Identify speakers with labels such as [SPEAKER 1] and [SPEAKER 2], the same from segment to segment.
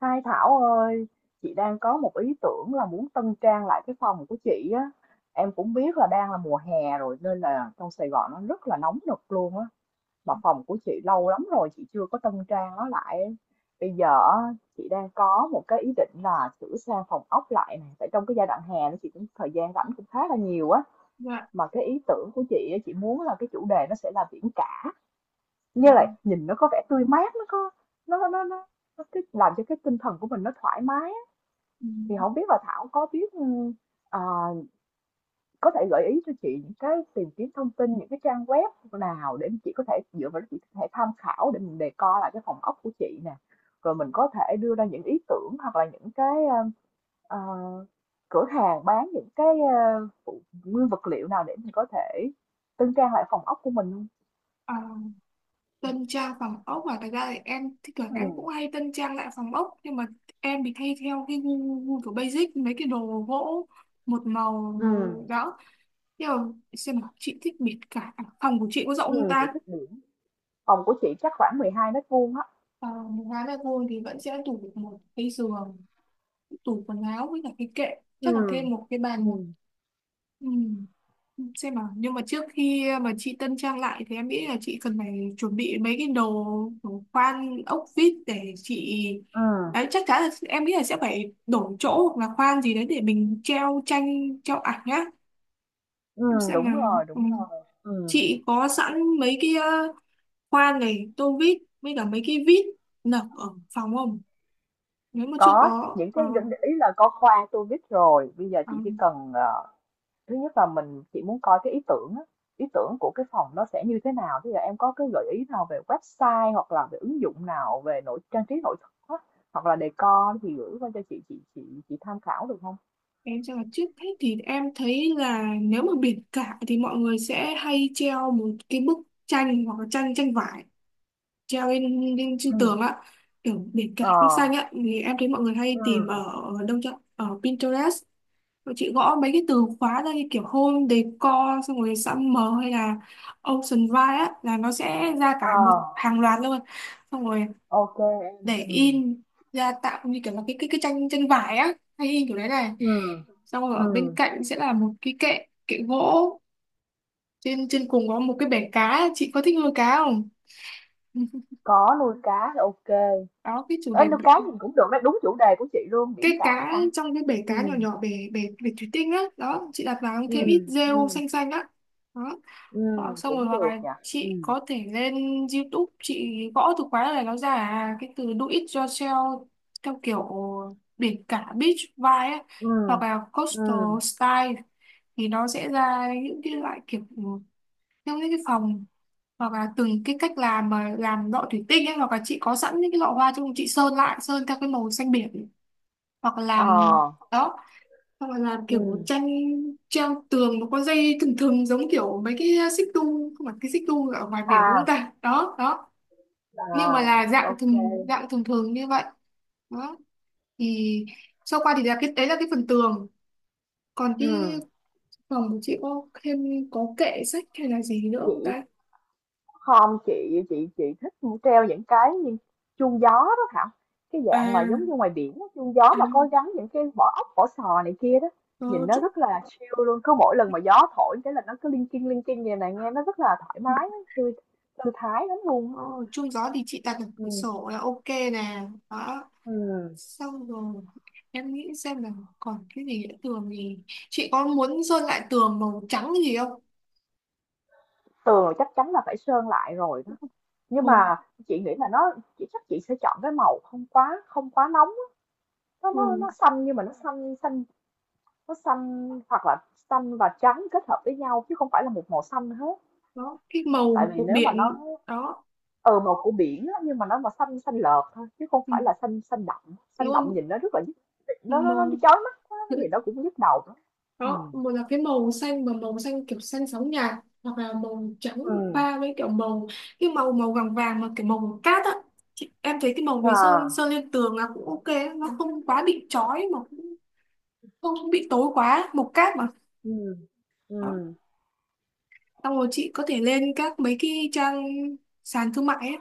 [SPEAKER 1] Hai Thảo ơi, chị đang có một ý tưởng là muốn tân trang lại cái phòng của chị á. Em cũng biết là đang là mùa hè rồi nên là trong Sài Gòn nó rất là nóng nực luôn á. Mà phòng của chị lâu lắm rồi chị chưa có tân trang nó lại. Bây giờ á, chị đang có một cái ý định là sửa sang phòng ốc lại này. Tại trong cái giai đoạn hè nó chị cũng thời gian rảnh cũng khá là nhiều á.
[SPEAKER 2] Dạ.
[SPEAKER 1] Mà cái ý tưởng của chị á, chị muốn là cái chủ đề nó sẽ là biển cả.
[SPEAKER 2] Ừ.
[SPEAKER 1] Như là nhìn nó có vẻ tươi mát, nó có nó nó nó nó cái làm cho cái tinh thần của mình nó thoải mái,
[SPEAKER 2] Ừ.
[SPEAKER 1] thì không biết là Thảo có biết, ờ, có thể gợi ý cho chị những cái tìm kiếm thông tin, những cái trang web nào để chị có thể dựa vào đó chị có thể tham khảo để mình đề co lại cái phòng ốc của chị nè, rồi mình có thể đưa ra những ý tưởng hoặc là những cái, ờ, cửa hàng bán những cái, phụ nguyên vật liệu nào để mình có thể tân trang lại phòng ốc của mình không?
[SPEAKER 2] Ờ, tân trang phòng ốc. Và thật ra thì em thì thường em
[SPEAKER 1] Ừ,
[SPEAKER 2] cũng hay tân trang lại phòng ốc, nhưng mà em thì hay theo cái gu kiểu basic, mấy cái đồ gỗ một màu
[SPEAKER 1] ừ,
[SPEAKER 2] đó. Nhưng mà xem nào, chị thích biệt cả à, phòng của chị có rộng không
[SPEAKER 1] ừ, chị
[SPEAKER 2] ta?
[SPEAKER 1] thích biển. Phòng của chị chắc khoảng 12 mét vuông á.
[SPEAKER 2] Ờ, một gái là thôi thì vẫn sẽ tủ được một cái giường, tủ quần áo với cả cái kệ,
[SPEAKER 1] Ừ,
[SPEAKER 2] chắc là thêm một cái
[SPEAKER 1] ừ,
[SPEAKER 2] bàn nữa. Ừ. Xem nào, nhưng mà trước khi mà chị tân trang lại thì em nghĩ là chị cần phải chuẩn bị mấy cái đồ đồ khoan ốc vít để chị,
[SPEAKER 1] ừ,
[SPEAKER 2] đấy chắc chắn là em nghĩ là sẽ phải đổi chỗ hoặc là khoan gì đấy để mình treo tranh treo ảnh nhá. Em xem là, ừ,
[SPEAKER 1] đúng rồi, ừ,
[SPEAKER 2] chị có sẵn mấy cái khoan này, tô vít với cả mấy cái vít nở ở phòng không? Nếu mà chưa
[SPEAKER 1] có
[SPEAKER 2] có
[SPEAKER 1] những cái ý là có khoa tôi biết rồi bây giờ
[SPEAKER 2] ờ.
[SPEAKER 1] chị chỉ cần, thứ nhất là mình chị muốn coi cái ý tưởng á, ý tưởng của cái phòng nó sẽ như thế nào. Bây giờ em có cái gợi ý nào về website hoặc là về ứng dụng nào về nội trang trí nội thất á, hoặc là decor thì gửi qua cho chị tham khảo được không?
[SPEAKER 2] Em cho là trước hết thì em thấy là nếu mà biển cả thì mọi người sẽ hay treo một cái bức tranh hoặc là tranh tranh vải, treo lên
[SPEAKER 1] Ừ,
[SPEAKER 2] trên tường á, kiểu biển cả
[SPEAKER 1] ờ,
[SPEAKER 2] nước xanh á, thì em thấy mọi người
[SPEAKER 1] ừ,
[SPEAKER 2] hay tìm ở đâu chứ, ở Pinterest. Mọi chị gõ mấy cái từ khóa ra như kiểu home decor, xong rồi summer hay là ocean vibe á, là nó sẽ ra cả
[SPEAKER 1] ờ,
[SPEAKER 2] một hàng loạt luôn. Xong rồi
[SPEAKER 1] ok em,
[SPEAKER 2] để
[SPEAKER 1] ừ,
[SPEAKER 2] in ra, tạo như kiểu là cái cái tranh tranh vải á, hay in kiểu đấy này.
[SPEAKER 1] ừ,
[SPEAKER 2] Xong rồi
[SPEAKER 1] ừ,
[SPEAKER 2] ở bên cạnh sẽ là một cái kệ kệ gỗ, trên trên cùng có một cái bể cá. Chị có thích nuôi cá không?
[SPEAKER 1] có nuôi cá thì ok.
[SPEAKER 2] Đó, cái chủ
[SPEAKER 1] Ê,
[SPEAKER 2] đề.
[SPEAKER 1] nuôi cá thì cũng được đấy, đúng chủ đề của chị luôn,
[SPEAKER 2] Cái
[SPEAKER 1] biển cả
[SPEAKER 2] cá
[SPEAKER 1] mà.
[SPEAKER 2] trong cái bể
[SPEAKER 1] Ừ,
[SPEAKER 2] cá nhỏ nhỏ, bể bể bể thủy tinh á, đó chị đặt vào
[SPEAKER 1] ừ,
[SPEAKER 2] thêm ít rêu
[SPEAKER 1] ừ,
[SPEAKER 2] xanh xanh á. Đó.
[SPEAKER 1] ừ,
[SPEAKER 2] Đó, xong rồi
[SPEAKER 1] cũng
[SPEAKER 2] hoặc
[SPEAKER 1] được
[SPEAKER 2] là
[SPEAKER 1] nhỉ. Ừ,
[SPEAKER 2] chị có thể lên YouTube, chị gõ từ khóa này nó ra à, cái từ do it yourself, theo kiểu biển cả beach vibe á,
[SPEAKER 1] ừ,
[SPEAKER 2] hoặc là
[SPEAKER 1] ừ,
[SPEAKER 2] coastal style, thì nó sẽ ra những cái loại kiểu theo những cái phòng, hoặc là từng cái cách làm, mà làm lọ thủy tinh ấy, hoặc là chị có sẵn những cái lọ hoa chung, chị sơn lại, sơn theo cái màu xanh biển, hoặc là
[SPEAKER 1] ờ,
[SPEAKER 2] làm, đó, hoặc là làm kiểu
[SPEAKER 1] ừ,
[SPEAKER 2] tranh treo tường, nó có dây thừng thừng giống kiểu mấy cái xích đu, không phải cái xích đu ở ngoài biển, đúng không
[SPEAKER 1] à,
[SPEAKER 2] ta, đó đó,
[SPEAKER 1] à,
[SPEAKER 2] nhưng mà là dạng
[SPEAKER 1] ok,
[SPEAKER 2] thường
[SPEAKER 1] ừ,
[SPEAKER 2] dạng thường thường như vậy đó. Thì sau qua thì là cái đấy là cái phần tường. Còn cái phòng của chị có thêm, có kệ sách hay là gì nữa không
[SPEAKER 1] chị
[SPEAKER 2] ta?
[SPEAKER 1] không, chị thích treo những cái như chuông gió đó Thảo, cái dạng mà giống
[SPEAKER 2] À,
[SPEAKER 1] như ngoài biển á, chuông gió
[SPEAKER 2] à,
[SPEAKER 1] mà có gắn những cái vỏ ốc, vỏ sò này kia đó, nhìn
[SPEAKER 2] có
[SPEAKER 1] nó
[SPEAKER 2] chút.
[SPEAKER 1] rất là chill luôn, cứ mỗi lần mà gió thổi cái là nó cứ linh kinh như này, nghe nó rất là thoải mái á, thư thư thái lắm luôn á.
[SPEAKER 2] Ồ, chung gió thì chị đặt ở cửa
[SPEAKER 1] Ừ,
[SPEAKER 2] sổ là ok nè đó.
[SPEAKER 1] ừm,
[SPEAKER 2] Xong rồi em nghĩ xem là còn cái gì nữa. Tường thì chị có muốn sơn lại tường màu trắng gì không?
[SPEAKER 1] tường chắc chắn là phải sơn lại rồi đó. Nhưng
[SPEAKER 2] Màu
[SPEAKER 1] mà chị nghĩ là nó, chị chắc chị sẽ chọn cái màu không quá nóng á. Nó nó
[SPEAKER 2] tường,
[SPEAKER 1] nó xanh nhưng mà nó xanh xanh, nó xanh hoặc là xanh và trắng kết hợp với nhau chứ không phải là một màu xanh hết.
[SPEAKER 2] đó cái
[SPEAKER 1] Tại
[SPEAKER 2] màu
[SPEAKER 1] vì
[SPEAKER 2] của
[SPEAKER 1] nếu mà nó,
[SPEAKER 2] biển, đó,
[SPEAKER 1] ờ màu của biển á, nhưng mà nó mà xanh xanh lợt thôi chứ không
[SPEAKER 2] ừ,
[SPEAKER 1] phải là xanh xanh đậm. Xanh
[SPEAKER 2] đúng không?
[SPEAKER 1] đậm nhìn nó rất là nhức, nó
[SPEAKER 2] Màu,
[SPEAKER 1] chói mắt quá thì nó cũng nhức đầu lắm. Ừ.
[SPEAKER 2] đó, một là cái màu xanh, mà màu xanh kiểu xanh sóng nhạt, hoặc là màu trắng
[SPEAKER 1] Ừ.
[SPEAKER 2] pha với kiểu màu, cái màu màu vàng vàng mà kiểu màu cát á. Chị, em thấy cái màu này sơn
[SPEAKER 1] À.
[SPEAKER 2] sơn lên tường là cũng ok, nó không quá bị chói mà cũng không không bị tối quá mục cáp mà.
[SPEAKER 1] Ừ.
[SPEAKER 2] Đó.
[SPEAKER 1] Ừ.
[SPEAKER 2] Xong rồi chị có thể lên các mấy cái trang sàn thương mại ấy,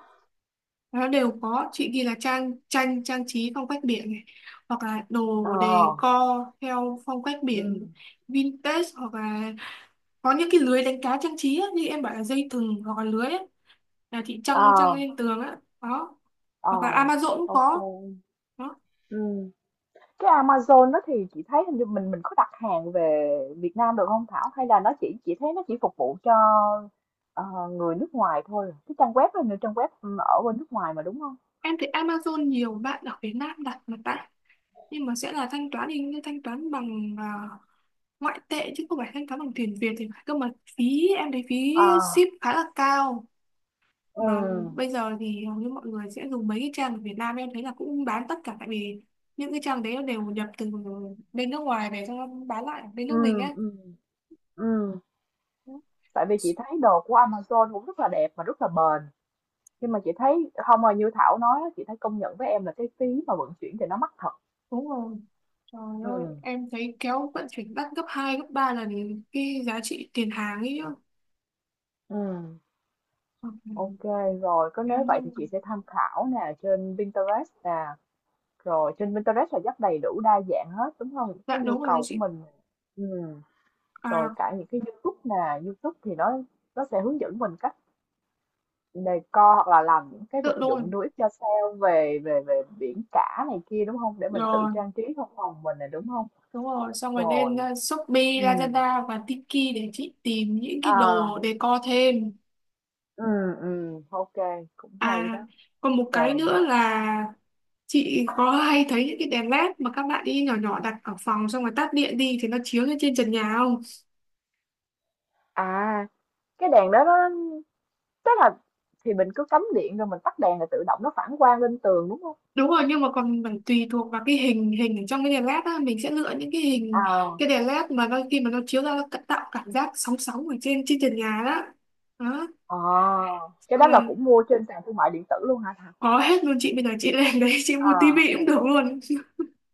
[SPEAKER 2] nó đều có. Chị ghi là trang tranh trang trí phong cách biển này, hoặc là đồ
[SPEAKER 1] Ờ.
[SPEAKER 2] decor theo phong cách
[SPEAKER 1] Ừ.
[SPEAKER 2] biển vintage, hoặc là có những cái lưới đánh cá trang trí ấy, như em bảo là dây thừng hoặc là lưới ấy, là chị
[SPEAKER 1] Ờ.
[SPEAKER 2] trăng trăng lên tường á đó.
[SPEAKER 1] Ờ.
[SPEAKER 2] Hoặc là Amazon cũng
[SPEAKER 1] Ok.
[SPEAKER 2] có. Đó.
[SPEAKER 1] Ừ. Cái Amazon đó thì chị thấy hình như mình có đặt hàng về Việt Nam được không Thảo? Hay là nó chỉ, chị thấy nó chỉ phục vụ cho, ờ, người nước ngoài thôi. Cái trang web đó là trang web, ừ, ở bên nước ngoài mà đúng không?
[SPEAKER 2] Em thấy Amazon nhiều bạn ở Việt Nam đặt mà, tại nhưng mà sẽ là thanh toán thì thanh toán bằng ngoại tệ chứ không phải thanh toán bằng tiền Việt thì phải, cơ mà phí, em thấy phí
[SPEAKER 1] À,
[SPEAKER 2] ship khá là cao. Mà
[SPEAKER 1] ừ,
[SPEAKER 2] bây giờ thì hầu như mọi người sẽ dùng mấy cái trang ở Việt Nam, em thấy là cũng bán tất cả, tại vì những cái trang đấy nó đều nhập từ bên nước ngoài về, xong nó bán lại ở bên nước
[SPEAKER 1] ừ,
[SPEAKER 2] mình á.
[SPEAKER 1] ừ, ừ, tại vì chị thấy đồ của Amazon cũng rất là đẹp mà rất là bền. Nhưng mà chị thấy không, mà như Thảo nói á, chị thấy công nhận với em là cái phí mà vận chuyển thì nó mắc thật.
[SPEAKER 2] Đúng rồi, trời
[SPEAKER 1] Ừ,
[SPEAKER 2] ơi, em thấy kéo vận chuyển đắt gấp 2 gấp 3 lần cái giá trị tiền hàng ấy chứ.
[SPEAKER 1] ừ,
[SPEAKER 2] Ừ,
[SPEAKER 1] ok rồi, có, nếu
[SPEAKER 2] em-
[SPEAKER 1] vậy thì chị
[SPEAKER 2] em-
[SPEAKER 1] sẽ tham khảo nè trên Pinterest nè, rồi trên Pinterest là rất đầy đủ đa dạng hết, đúng không? Cái
[SPEAKER 2] dạ
[SPEAKER 1] nhu
[SPEAKER 2] đúng rồi đấy
[SPEAKER 1] cầu của
[SPEAKER 2] chị.
[SPEAKER 1] mình, ừm, rồi
[SPEAKER 2] À,
[SPEAKER 1] cả những cái YouTube nè, YouTube thì nó sẽ hướng dẫn mình cách decor hoặc là làm những cái
[SPEAKER 2] tự
[SPEAKER 1] vật
[SPEAKER 2] đúng rồi,
[SPEAKER 1] dụng do it yourself về về về biển cả này kia, đúng không? Để mình tự
[SPEAKER 2] rồi.
[SPEAKER 1] trang trí trong phòng mình nè, đúng không?
[SPEAKER 2] Đúng rồi, xong rồi
[SPEAKER 1] Rồi,
[SPEAKER 2] lên Shopee,
[SPEAKER 1] ừm,
[SPEAKER 2] Lazada và Tiki để chị tìm những cái đồ
[SPEAKER 1] à,
[SPEAKER 2] decor thêm.
[SPEAKER 1] ô, cũng hay
[SPEAKER 2] À,
[SPEAKER 1] đó.
[SPEAKER 2] còn một cái
[SPEAKER 1] Rồi,
[SPEAKER 2] nữa là, chị có hay thấy những cái đèn led mà các bạn đi nhỏ nhỏ đặt ở phòng, xong rồi tắt điện đi thì nó chiếu lên trên trần nhà không?
[SPEAKER 1] à, cái đèn đó nó, tức là thì mình cứ cắm điện rồi mình tắt đèn là tự động nó phản quang lên tường, đúng không?
[SPEAKER 2] Đúng rồi, nhưng mà còn phải tùy thuộc vào cái hình hình ở trong cái đèn led á, mình sẽ lựa những cái hình cái
[SPEAKER 1] À.
[SPEAKER 2] đèn led mà đôi khi mà nó chiếu ra nó tạo cảm giác sóng sóng ở trên trên trần nhà đó. Đó,
[SPEAKER 1] Ờ, cái
[SPEAKER 2] xong
[SPEAKER 1] đó là
[SPEAKER 2] rồi,
[SPEAKER 1] cũng mua trên sàn thương mại điện tử luôn hả Thảo?
[SPEAKER 2] có hết luôn chị, bây giờ chị lên đấy chị mua
[SPEAKER 1] À,
[SPEAKER 2] tivi cũng được luôn.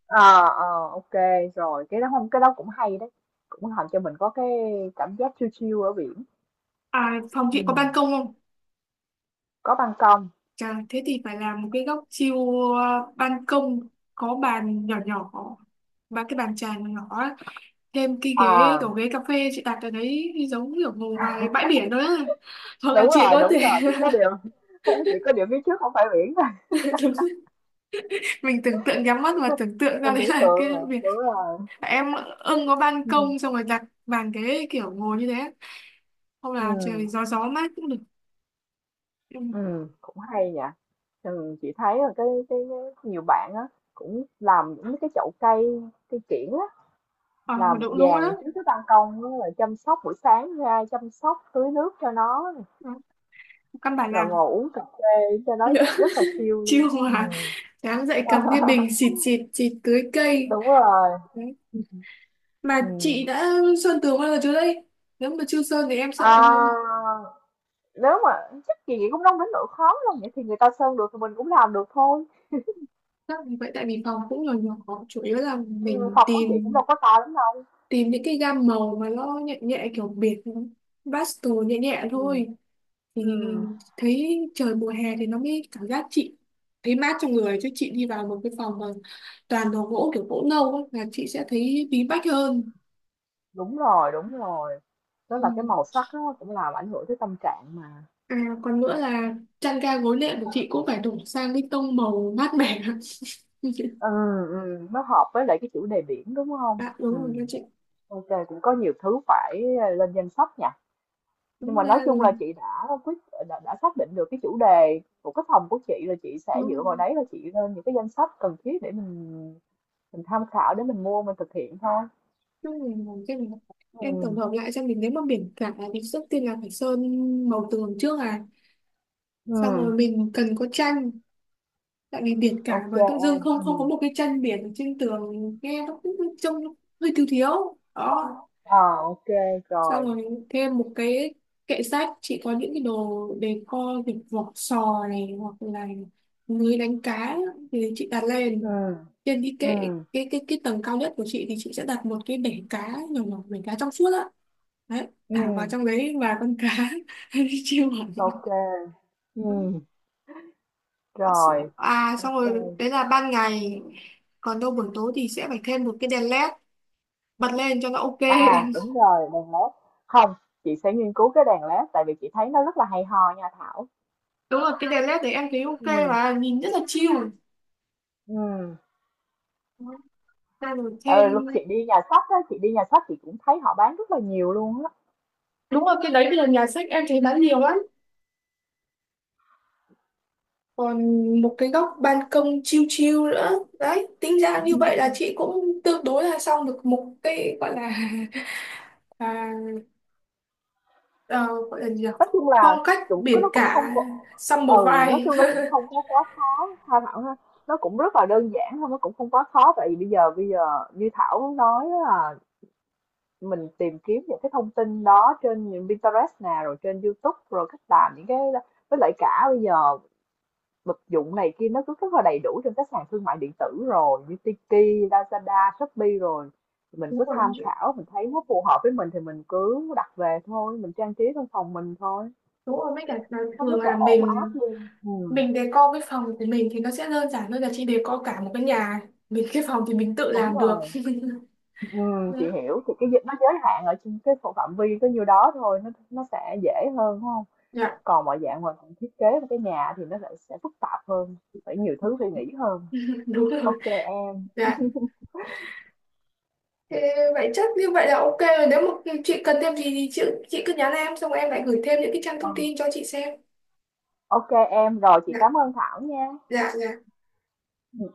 [SPEAKER 1] à, ờ, ok rồi, cái đó không, cái đó cũng hay đấy. Cũng làm cho mình có cái cảm giác chill chill ở biển.
[SPEAKER 2] À, phòng
[SPEAKER 1] Ừ,
[SPEAKER 2] chị có ban công không?
[SPEAKER 1] có ban công.
[SPEAKER 2] Chà, thế thì phải làm một cái góc chiêu ban công, có bàn nhỏ nhỏ và cái bàn trà nhỏ nhỏ á, thêm cái ghế
[SPEAKER 1] À,
[SPEAKER 2] kiểu ghế cà phê chị đặt ở đấy giống kiểu ngồi ngoài bãi biển đó á. Hoặc là chị có thể
[SPEAKER 1] đúng rồi, chỉ có điều chỉ có điều phía trước không phải biển thôi.
[SPEAKER 2] đúng, mình tưởng tượng, nhắm mắt mà tưởng tượng ra
[SPEAKER 1] Mình
[SPEAKER 2] đấy
[SPEAKER 1] tưởng
[SPEAKER 2] là
[SPEAKER 1] tượng
[SPEAKER 2] cái
[SPEAKER 1] rồi,
[SPEAKER 2] việc.
[SPEAKER 1] đúng rồi.
[SPEAKER 2] Em ưng có ban
[SPEAKER 1] Ừ.
[SPEAKER 2] công, xong rồi đặt bàn ghế kiểu ngồi như thế á. Hoặc
[SPEAKER 1] Ừ,
[SPEAKER 2] là trời gió gió mát cũng được. Ừ.
[SPEAKER 1] ừ, cũng hay nhỉ. Ừ, chị thấy là cái nhiều bạn á cũng làm những cái chậu cây, cây kiểng.
[SPEAKER 2] Ờ
[SPEAKER 1] Làm một
[SPEAKER 2] đúng đúng rồi
[SPEAKER 1] dàn
[SPEAKER 2] đó.
[SPEAKER 1] trước cái ban công á, rồi chăm sóc buổi sáng ra, chăm sóc tưới nước cho nó nè,
[SPEAKER 2] Đó, căn bản
[SPEAKER 1] rồi
[SPEAKER 2] làm
[SPEAKER 1] ngồi uống cà phê cho nó rất là chill
[SPEAKER 2] chiêu
[SPEAKER 1] luôn.
[SPEAKER 2] mà
[SPEAKER 1] Ừm.
[SPEAKER 2] sáng dậy cầm cái bình xịt xịt xịt tưới cây.
[SPEAKER 1] Đúng rồi,
[SPEAKER 2] Đấy. Mà chị
[SPEAKER 1] ừm.
[SPEAKER 2] đã sơn tường bao giờ chưa đây? Nếu mà chưa sơn thì em sợ,
[SPEAKER 1] À, nếu mà chắc chị nghĩ cũng đâu đến nỗi khó đâu, vậy thì người ta sơn được thì mình cũng làm được thôi.
[SPEAKER 2] chắc là vậy, tại vì phòng cũng nhỏ nhỏ, chủ yếu là mình
[SPEAKER 1] Phòng của chị cũng
[SPEAKER 2] tìm
[SPEAKER 1] đâu có to lắm đâu.
[SPEAKER 2] tìm những cái gam màu mà nó nhẹ nhẹ kiểu biệt, pastel nhẹ nhẹ
[SPEAKER 1] Ừ,
[SPEAKER 2] thôi, thì
[SPEAKER 1] ừm,
[SPEAKER 2] thấy trời mùa hè thì nó mới cảm giác chị thấy mát trong người, chứ chị đi vào một cái phòng mà toàn đồ gỗ kiểu gỗ nâu ấy, là chị sẽ thấy bí bách hơn.
[SPEAKER 1] đúng rồi, đúng rồi. Tức
[SPEAKER 2] Ừ.
[SPEAKER 1] là cái màu sắc nó cũng làm ảnh hưởng tới tâm trạng mà.
[SPEAKER 2] À, còn nữa là chăn ga gối nệm của chị cũng phải đổi sang cái tông màu mát mẻ.
[SPEAKER 1] Ừ, ừ, nó hợp với lại cái chủ đề biển đúng không?
[SPEAKER 2] Dạ đúng rồi
[SPEAKER 1] Ừ.
[SPEAKER 2] các chị.
[SPEAKER 1] OK, cũng có nhiều thứ phải, lên danh sách nhỉ. Nhưng
[SPEAKER 2] Đúng
[SPEAKER 1] mà nói
[SPEAKER 2] ra
[SPEAKER 1] chung là
[SPEAKER 2] thì
[SPEAKER 1] chị đã đã xác định được cái chủ đề của cái phòng của chị, là chị sẽ
[SPEAKER 2] đúng rồi.
[SPEAKER 1] dựa vào đấy là chị lên những cái danh sách cần thiết để mình tham khảo để mình mua mình thực hiện thôi.
[SPEAKER 2] Đúng rồi, làm cái này.
[SPEAKER 1] Ừ.
[SPEAKER 2] Em tổng hợp lại xem, mình nếu mà biển cả thì trước tiên là phải sơn màu tường trước à.
[SPEAKER 1] Ừ.
[SPEAKER 2] Xong rồi mình cần có tranh, tại vì biển cả
[SPEAKER 1] Ok
[SPEAKER 2] mà tự dưng
[SPEAKER 1] em.
[SPEAKER 2] không không có
[SPEAKER 1] Ừ.
[SPEAKER 2] một cái tranh biển ở trên tường, nghe nó cũng trông hơi thiếu thiếu. Đó,
[SPEAKER 1] Ờ, ok
[SPEAKER 2] xong
[SPEAKER 1] rồi.
[SPEAKER 2] rồi thêm một cái kệ sách, chị có những cái đồ decor kiểu vỏ sò này, hoặc là lưới đánh cá thì chị đặt lên
[SPEAKER 1] Ừ.
[SPEAKER 2] trên cái kệ,
[SPEAKER 1] Ừ.
[SPEAKER 2] cái cái tầng cao nhất của chị thì chị sẽ đặt một cái bể cá nhỏ nhỏ, bể cá trong suốt á, đấy,
[SPEAKER 1] Ừ.
[SPEAKER 2] thả vào trong đấy và con cá. Chiêu hẳn.
[SPEAKER 1] Ok. Ừ.
[SPEAKER 2] Có sữa.
[SPEAKER 1] Rồi.
[SPEAKER 2] À
[SPEAKER 1] Ok.
[SPEAKER 2] xong rồi đấy là ban ngày, còn đâu buổi tối thì sẽ phải thêm một cái đèn led bật lên cho nó ok.
[SPEAKER 1] À đúng rồi, đèn led. Không, chị sẽ nghiên cứu cái đèn led, tại vì chị thấy nó rất là hay ho nha Thảo.
[SPEAKER 2] Đúng rồi, cái đèn led đấy em thấy ok
[SPEAKER 1] Ừ,
[SPEAKER 2] và nhìn rất là chill.
[SPEAKER 1] ừ.
[SPEAKER 2] Bàn
[SPEAKER 1] Tại vì lúc chị
[SPEAKER 2] then,
[SPEAKER 1] đi nhà sách á, chị đi nhà sách chị cũng thấy họ bán rất là nhiều luôn á.
[SPEAKER 2] đúng rồi, cái đấy bây giờ nhà sách em thấy bán nhiều lắm. Còn một cái góc ban công chill chill nữa, đấy tính ra như vậy là chị cũng tương đối là xong được một cái gọi là à, ờ, gọi là gì nhỉ?
[SPEAKER 1] Nói chung
[SPEAKER 2] Phong
[SPEAKER 1] là
[SPEAKER 2] cách
[SPEAKER 1] chủ
[SPEAKER 2] biển
[SPEAKER 1] nó cũng không
[SPEAKER 2] cả,
[SPEAKER 1] có,
[SPEAKER 2] summer
[SPEAKER 1] ừ, nói
[SPEAKER 2] vibe.
[SPEAKER 1] chung nó cũng không có quá khó. Tha Thảo ha, nó cũng rất là đơn giản thôi, nó cũng không quá khó. Tại vì bây giờ như Thảo nói á là mình tìm kiếm những cái thông tin đó trên những Pinterest nè, rồi trên YouTube, rồi cách làm những cái, với lại cả bây giờ vật dụng này kia nó cứ rất là đầy đủ trên các sàn thương mại điện tử rồi như Tiki, Lazada, Shopee rồi. Thì mình
[SPEAKER 2] Đúng
[SPEAKER 1] cứ
[SPEAKER 2] rồi
[SPEAKER 1] tham
[SPEAKER 2] chị.
[SPEAKER 1] khảo, mình thấy nó phù hợp với mình thì mình cứ đặt về thôi, mình trang trí trong phòng mình thôi,
[SPEAKER 2] Đúng rồi, mấy cả là
[SPEAKER 1] nó
[SPEAKER 2] thường
[SPEAKER 1] rất là
[SPEAKER 2] là
[SPEAKER 1] ổn áp
[SPEAKER 2] mình
[SPEAKER 1] luôn. Ừ.
[SPEAKER 2] mình decor cái phòng của mình thì nó sẽ đơn giản hơn là chị decor cả một cái nhà. Mình cái phòng thì mình tự
[SPEAKER 1] Đúng
[SPEAKER 2] làm được.
[SPEAKER 1] rồi, ừ,
[SPEAKER 2] Đấy.
[SPEAKER 1] chị hiểu, thì cái dịch nó giới hạn ở trên cái phạm vi có nhiêu đó thôi, nó sẽ dễ hơn đúng không?
[SPEAKER 2] Dạ.
[SPEAKER 1] Còn mọi dạng mà mình thiết kế một cái nhà thì nó lại sẽ phức tạp hơn, phải nhiều thứ phải nghĩ hơn.
[SPEAKER 2] Đúng rồi.
[SPEAKER 1] Ok em.
[SPEAKER 2] Dạ. Thế vậy chắc như vậy là ok rồi. Nếu mà chị cần thêm gì thì chị cứ nhắn em, xong em lại gửi thêm những cái trang
[SPEAKER 1] Ờ.
[SPEAKER 2] thông tin cho chị xem.
[SPEAKER 1] Ok em, rồi chị
[SPEAKER 2] Dạ,
[SPEAKER 1] cảm ơn Thảo nha.
[SPEAKER 2] dạ, dạ.
[SPEAKER 1] Ừ,